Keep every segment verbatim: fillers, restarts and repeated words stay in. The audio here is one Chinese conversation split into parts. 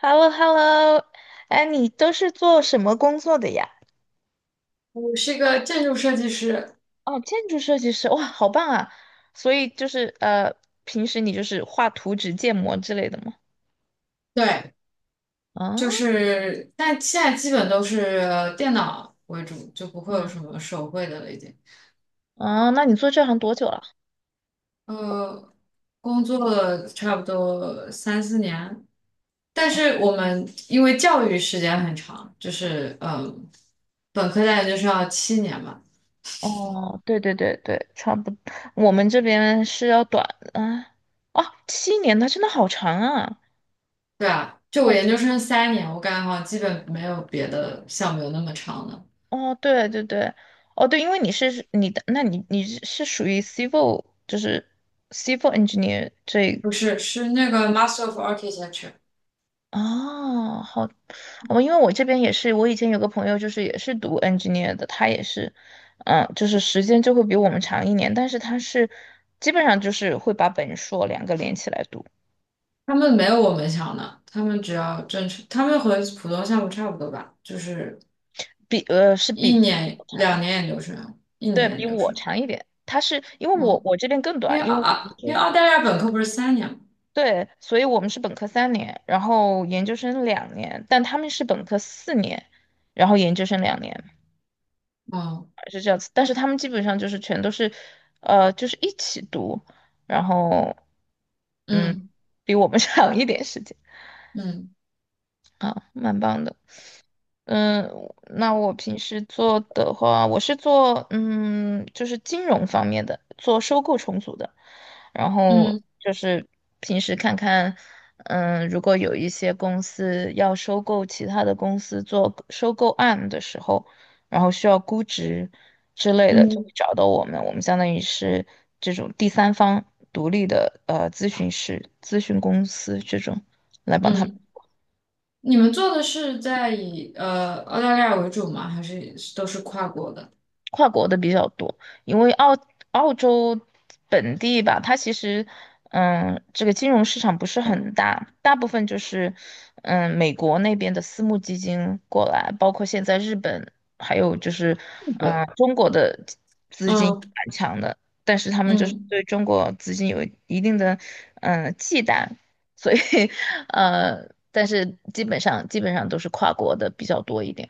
h e l l o h e l l o 哎，你都是做什么工作的呀？我是一个建筑设计师，哦，建筑设计师，哇，好棒啊！所以就是呃，平时你就是画图纸、建模之类的吗？对，啊。就是，但现在基本都是电脑为主，就不会有嗯，什么手绘的了，已经。啊，那你做这行多久了？呃，工作了差不多三四年，但是我们因为教育时间很长，就是嗯，本科在研就是要七年嘛，哦，对对对对，差不多，我们这边是要短啊。哦，七年，那真的好长啊！对啊，就我哦，研究生三年，我感觉好像基本没有别的项目有那么长的，哦，对对对，哦对，因为你是你的，那你你是属于 civil，就是 civil engineer 这。不是，是那个 Master of Architecture。哦，好，哦，因为我这边也是，我以前有个朋友就是也是读 engineer 的，他也是，嗯，就是时间就会比我们长一年，但是他是基本上就是会把本硕两个连起来读，他们没有我们强的，他们只要正常，他们和普通项目差不多吧，就是比呃是比一我年、长一两点，年研究生，一年对，的研比究我生。长一点，他是因为我嗯，我这边更因为短，因澳为我们啊，因是。为澳大利亚本科不是三年吗？对，所以我们是本科三年，然后研究生两年，但他们是本科四年，然后研究生两年。哦，是这样子，但是他们基本上就是全都是，呃，就是一起读，然后嗯，嗯比我们 长一点时间嗯啊，蛮棒的。嗯，那我平时做的话，我是做嗯，就是金融方面的，做收购重组的。然后嗯就是平时看看，嗯，如果有一些公司要收购其他的公司做收购案的时候，然后需要估值之类的，就嗯会找到我们。我们相当于是这种第三方独立的呃咨询师、咨询公司这种来帮他们。嗯，你们做的是在以呃澳大利亚为主吗？还是都是跨国的？跨国的比较多，因为澳澳洲本地吧，它其实，嗯，这个金融市场不是很大，大部分就是，嗯，美国那边的私募基金过来，包括现在日本，还有就是，日本。嗯，中国的资金嗯蛮强的，但是他们就是嗯对中国资金有一定的，嗯，忌惮，所以，呃，但是基本上基本上都是跨国的比较多一点，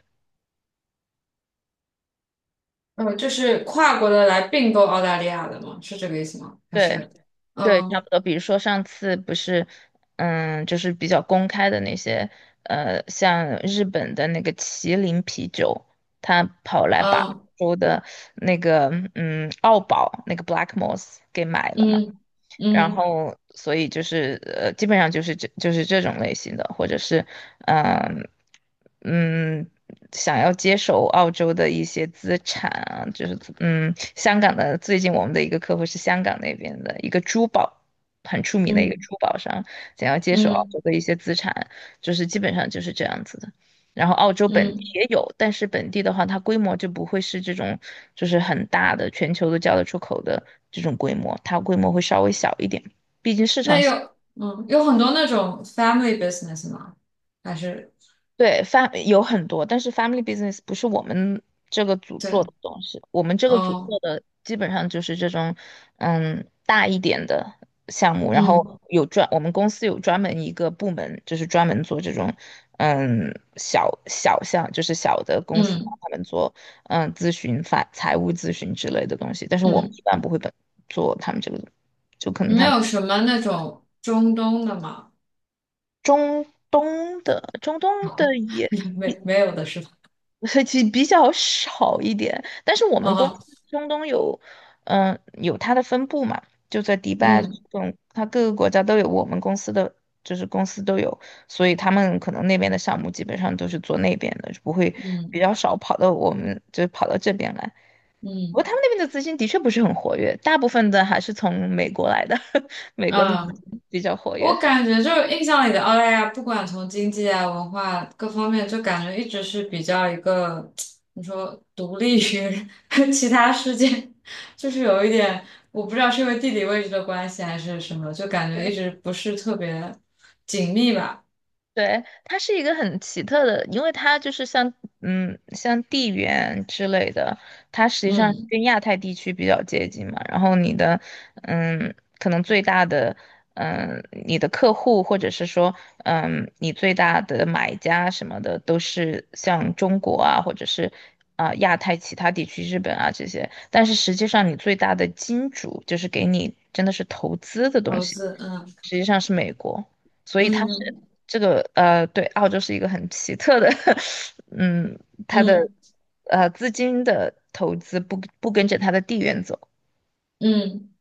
呃，就是跨国的来并购澳大利亚的吗？是这个意思吗？还对。是对，差嗯不多。比如说上次不是，嗯，就是比较公开的那些，呃，像日本的那个麒麟啤酒，他跑来把嗯欧洲的那个，嗯，澳宝那个 Black Moss 给买了嘛。嗯然嗯嗯后所以就是呃，基本上就是这就是这种类型的，或者是嗯嗯，想要接手澳洲的一些资产啊，就是嗯，香港的最近我们的一个客户是香港那边的一个珠宝很出名的一个嗯。珠宝商，想要接手澳洲嗯的一些资产，就是基本上就是这样子的。然后澳洲本地嗯，也有，但是本地的话，它规模就不会是这种就是很大的，全球都叫得出口的这种规模，它规模会稍微小一点，毕竟市那场。有嗯有很多那种 family business 吗？还是对，fam 有很多，但是 family business 不是我们这个组做的对东西，我们这个组哦做的基本上就是这种，嗯，大一点的项目，然嗯后有专，我们公司有专门一个部门，就是专门做这种，嗯，小小项，就是小的公司帮嗯他们做，嗯，咨询、法、财务咨询之类的东西，但是我们一嗯，般不会本做他们这个，就可你能们他们有什么那种中东的吗？东的、中东的 也。没没有的是吧？所以其实比较少一点。但是我们公司哦中东有，嗯，有它的分部嘛，就在迪拜这嗯种，它各个国家都有我们公司的，就是公司都有，所以他们可能那边的项目基本上都是做那边的，就不会嗯比较少跑到我们，就跑到这边来。嗯不过他嗯们那边的资金的确不是很活跃，大部分的还是从美国来的，美国的资嗯。金比较活跃。我感觉就是印象里的澳大利亚，不管从经济啊、文化各方面，就感觉一直是比较一个，你说独立于 其他世界，就是有一点，我不知道是因为地理位置的关系还是什么，就感觉一直不是特别紧密吧。对，它是一个很奇特的，因为它就是像嗯像地缘之类的，它实际上嗯，跟亚太地区比较接近嘛。然后你的嗯，可能最大的嗯，你的客户或者是说嗯，你最大的买家什么的，都是像中国啊，或者是啊、亚太其他地区、日本啊这些。但是实际上，你最大的金主就是给你真的是投资的东投西，资，嗯实际上是美国。所以它是嗯这个呃，对，澳洲是一个很奇特的，嗯，它的嗯呃资金的投资不不跟着它的地缘走，嗯。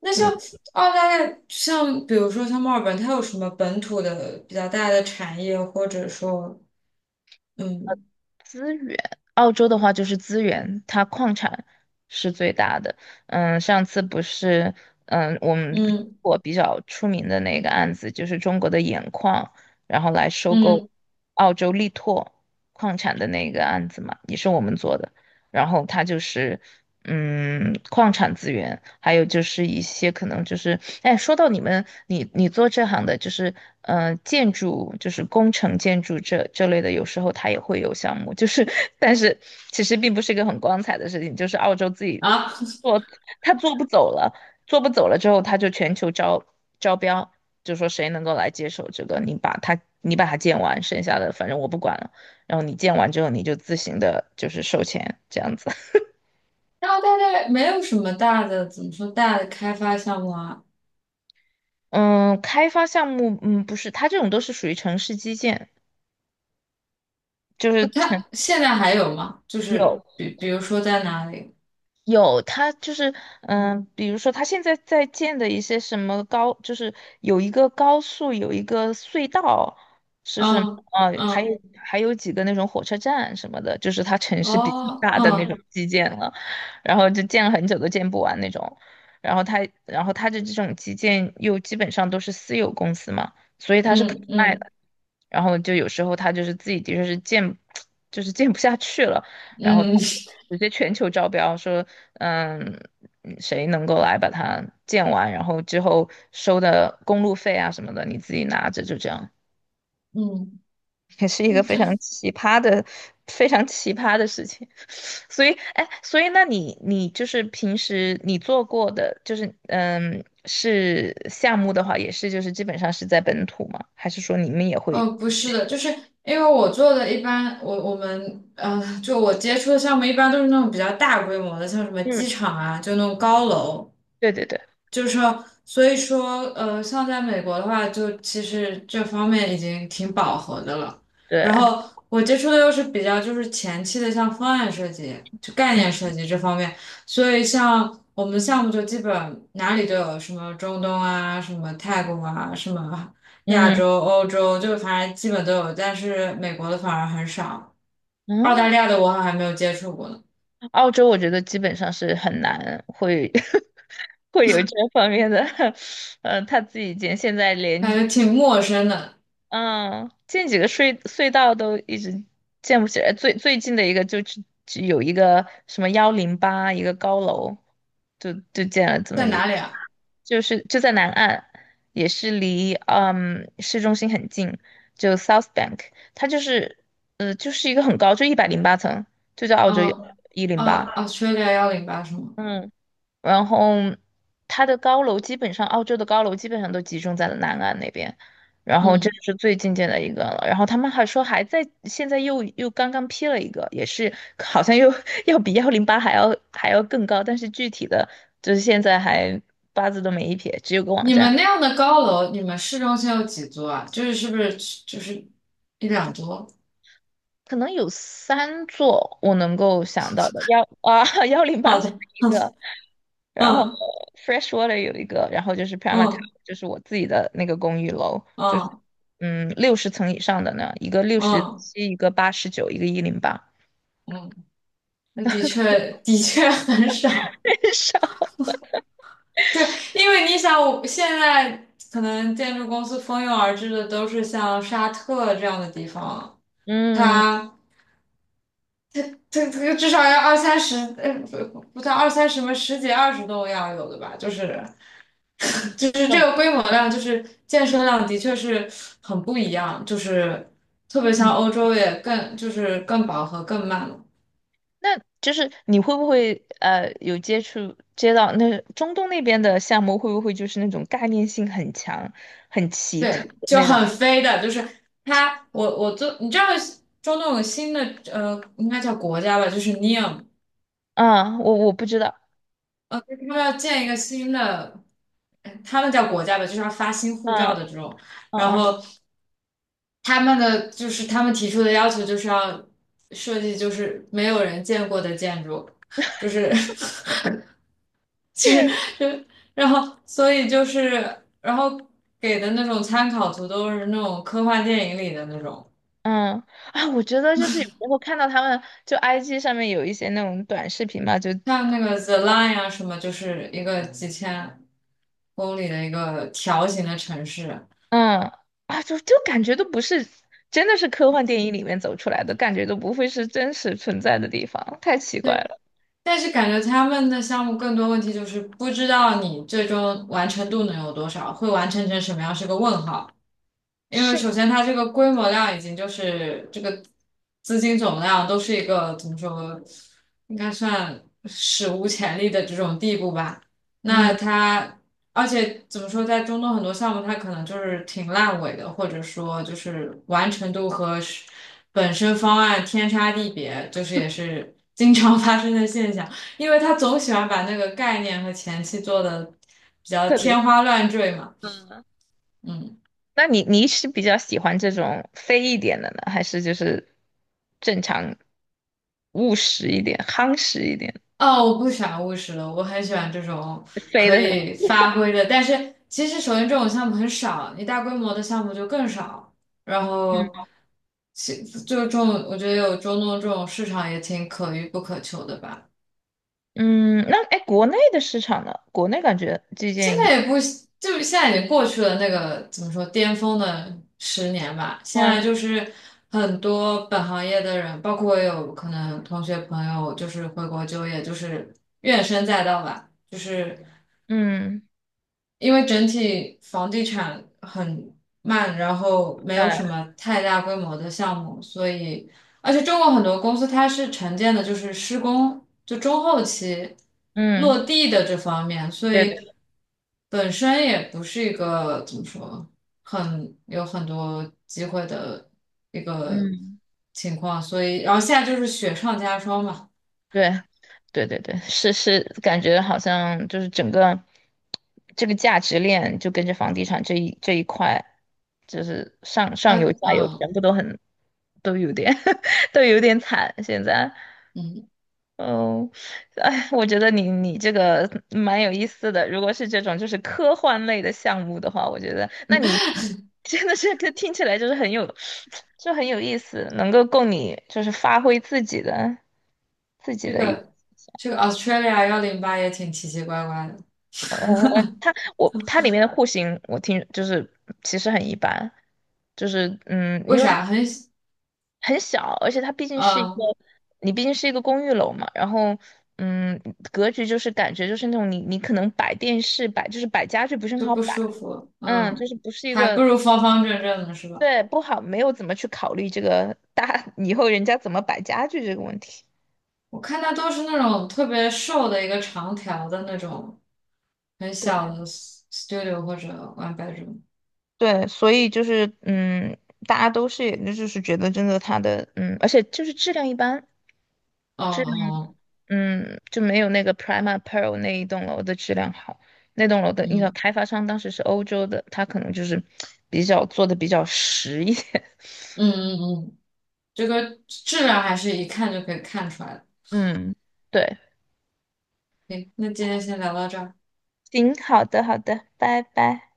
那像嗯，澳大利亚，像比如说像墨尔本，它有什么本土的比较大的产业，或者说，嗯资源，澳洲的话就是资源，它矿产是最大的，嗯，上次不是，嗯，我们嗯。我比较出名的那个案子就是中国的盐矿，然后来收嗯购澳洲力拓矿产的那个案子嘛，也是我们做的。然后它就是嗯矿产资源，还有就是一些可能就是哎，说到你们你你做这行的，就是呃建筑就是工程建筑这这类的，有时候它也会有项目，就是 但是其实并不是一个很光彩的事情，就是澳洲自己啊，做，他做不走了，做不走了之后，他就全球招招标，就说谁能够来接手这个，你把它你把它建完，剩下的反正我不管了。然后你建完之后，你就自行的，就是收钱这样子。然后大概没有什么大的，怎么说大的开发项目啊？嗯，开发项目，嗯，不是，它这种都是属于城市基建，就是呃城它现在还有吗？就是有比比如说在哪里？有，他就是，嗯，比如说他现在在建的一些什么高，就是有一个高速，有一个隧道，是什么？嗯呃，还有嗯还有几个那种火车站什么的，就是他城市比较哦大的那种嗯基建了，然后就建了很久都建不完那种，然后他，然后他的这种基建又基本上都是私有公司嘛，所以他是可嗯以卖。嗯然后就有时候他就是自己的确是建，就是建不下去了，然后他嗯就直接全球招标说，嗯，嗯谁能够来把它建完，然后之后收的公路费啊什么的，你自己拿着，就这样，嗯 也是一个嗯，非常对，奇葩的、非常奇葩的事情。所以，哎，所以那你你就是平时你做过的，就是嗯，是项目的话，也是就是基本上是在本土吗？还是说你们也会？呃，不是的，就是因为我做的一般，我我们呃，就我接触的项目一般都是那种比较大规模的，像什么机嗯，场啊，就那种高楼。对对对。就是说，所以说，呃，像在美国的话，就其实这方面已经挺饱和的了。对，然后我接触的又是比较就是前期的，像方案设计、就概念设计这方面。所以像我们项目就基本哪里都有，什么中东啊，什么泰国啊，什么亚嗯洲、欧洲，就反正基本都有。但是美国的反而很少，澳嗯，大利亚的我好像还没有接触过呢，澳洲我觉得基本上是很难会 会有这方面的，呃，他自己见现在感连觉挺陌生的，嗯，建几个隧隧道都一直建不起来，最最近的一个就只只有一个什么幺零八一个高楼，就就建了这么在一哪个，里啊？就是就在南岸，也是离嗯市中心很近，就 South Bank，它就是呃就是一个很高，就一百零八层，就叫澳洲幺嗯，零哦八，Australia 幺零八是吗？一。然后它的高楼基本上，澳洲的高楼基本上都集中在了南岸那边，然后这嗯，是最近见的一个了。然后他们还说还在，现在又又刚刚批了一个，也是好像又 要比幺零八还要还要更高，但是具体的就是现在还八字都没一撇，只有个网你们站，那样的高楼，你们市中心有几座啊？就是是不是就是一两座？可能有三座我能够想到的，幺啊 幺零八好是的，一好个，的然后 嗯 Freshwater 有一个，然后就是 p r a m a Tower，嗯就是我自己的那个公寓楼，就是嗯嗯六十层以上的呢，一个六十嗯七，一个八十九，一个一零八，嗯，那的确 的确很少。很少。对，因为你想，我现在可能建筑公司蜂拥而至的都是像沙特这样的地方，嗯，它这这个至少要二三十，呃，不不到二三十嘛十几二十栋要有的吧，就是。就是这那个规模量，就是健身量，的确是很不一样。就是特别嗯像欧洲也更就是更饱和更慢了。那就是你会不会呃有接触接到那中东那边的项目，会不会就是那种概念性很强、很奇特对，的就那种？很飞的。就是它，我我做，你知道中东有个新的呃，应该叫国家吧，就是 n e O m 啊，我我不知道，呃，他们要建一个新的，呃他们叫国家吧，就是要发新护照嗯的这种，嗯然嗯，后他们的就是他们提出的要求就是要设计就是没有人见过的建筑，就是 其实就然后所以就是然后给的那种参考图都是那种科幻电影里的那种，嗯。啊，我觉得就是有时候看到他们就 I G 上面有一些那种短视频嘛，就像那个 The Line 啊什么，就是一个几千公里的一个条形的城市。嗯啊，就就感觉都不是，真的是科幻电影里面走出来的，感觉都不会是真实存在的地方，太奇怪了。但是感觉他们的项目更多问题就是不知道你最终完成度能有多少，会完成成什么样是个问号。因为是，首先它这个规模量已经就是这个资金总量都是一个怎么说，应该算史无前例的这种地步吧。那嗯，它而且怎么说，在中东很多项目它可能就是挺烂尾的，或者说就是完成度和是本身方案天差地别，就是也是经常 发生的现象。因为他总喜欢把那个概念和前期做的比较特别是，天花乱坠嘛，嗯，嗯。那你你是比较喜欢这种飞一点的呢，还是就是正常务实一点、夯实一点。哦，我不喜欢务实的，我很喜欢这种飞可的是吧？以发挥的。但是其实首先这种项目很少，你大规模的项目就更少。然后其就这种，我觉得有中东这种市场也挺可遇不可求的吧。嗯，那哎，国内的市场呢？国内感觉最现近在也不就是现在已经过去了那个怎么说巅峰的十年吧，现哇，在就是很多本行业的人，包括我有可能同学朋友就是回国就业，就是怨声载道吧，就是。嗯。因为整体房地产很慢，然后没下有来，什么太大规模的项目，所以而且中国很多公司它是承建的，就是施工就中后期嗯，落地的这方面，所对对，以本身也不是一个怎么说很有很多机会的一个嗯，情况，所以然后现在就是雪上加霜嘛，对，对对对，是是，感觉好像就是整个这个价值链就跟着房地产这一这一块，就是上啊上游下游全嗯部都很都有点 都有点惨现在。嗯，嗯，哎，我觉得你你这个蛮有意思的。如果是这种就是科幻类的项目的话，我觉得那你 真的是 听起来就是很有，就很有意思，能够供你就是发挥自己的自己这的一个个这个 Australia 幺零八也挺奇奇怪怪的。呃，嗯我它我它里面的户型我听就是其实很一般，就是嗯，为因为它。啥很很小，而且它毕竟是一个，嗯你毕竟是一个公寓楼嘛，然后，嗯，格局就是感觉就是那种你你可能摆电视摆就是摆家具不是很就好摆，不舒服？嗯，就嗯，是不是一还个，不如方方正正的是吧？对，不好，没有怎么去考虑这个大 以后人家怎么摆家具这个问题，我看它都是那种特别瘦的一个长条的那种很小的 s- t u d i o 或者 one bedroom。对，所以就是嗯，大家都是也就是觉得真的它的嗯，而且就是质量一般，哦哦，嗯，就没有那个 Prima Pearl 那一栋楼的质量好。那栋楼的一个嗯开发商当时是欧洲的，他可能就是比较做的比较实一点。嗯嗯嗯，这个质量还是一看就可以看出来的。嗯。对，行，那今天先聊到这儿。行，好的，好的，拜拜。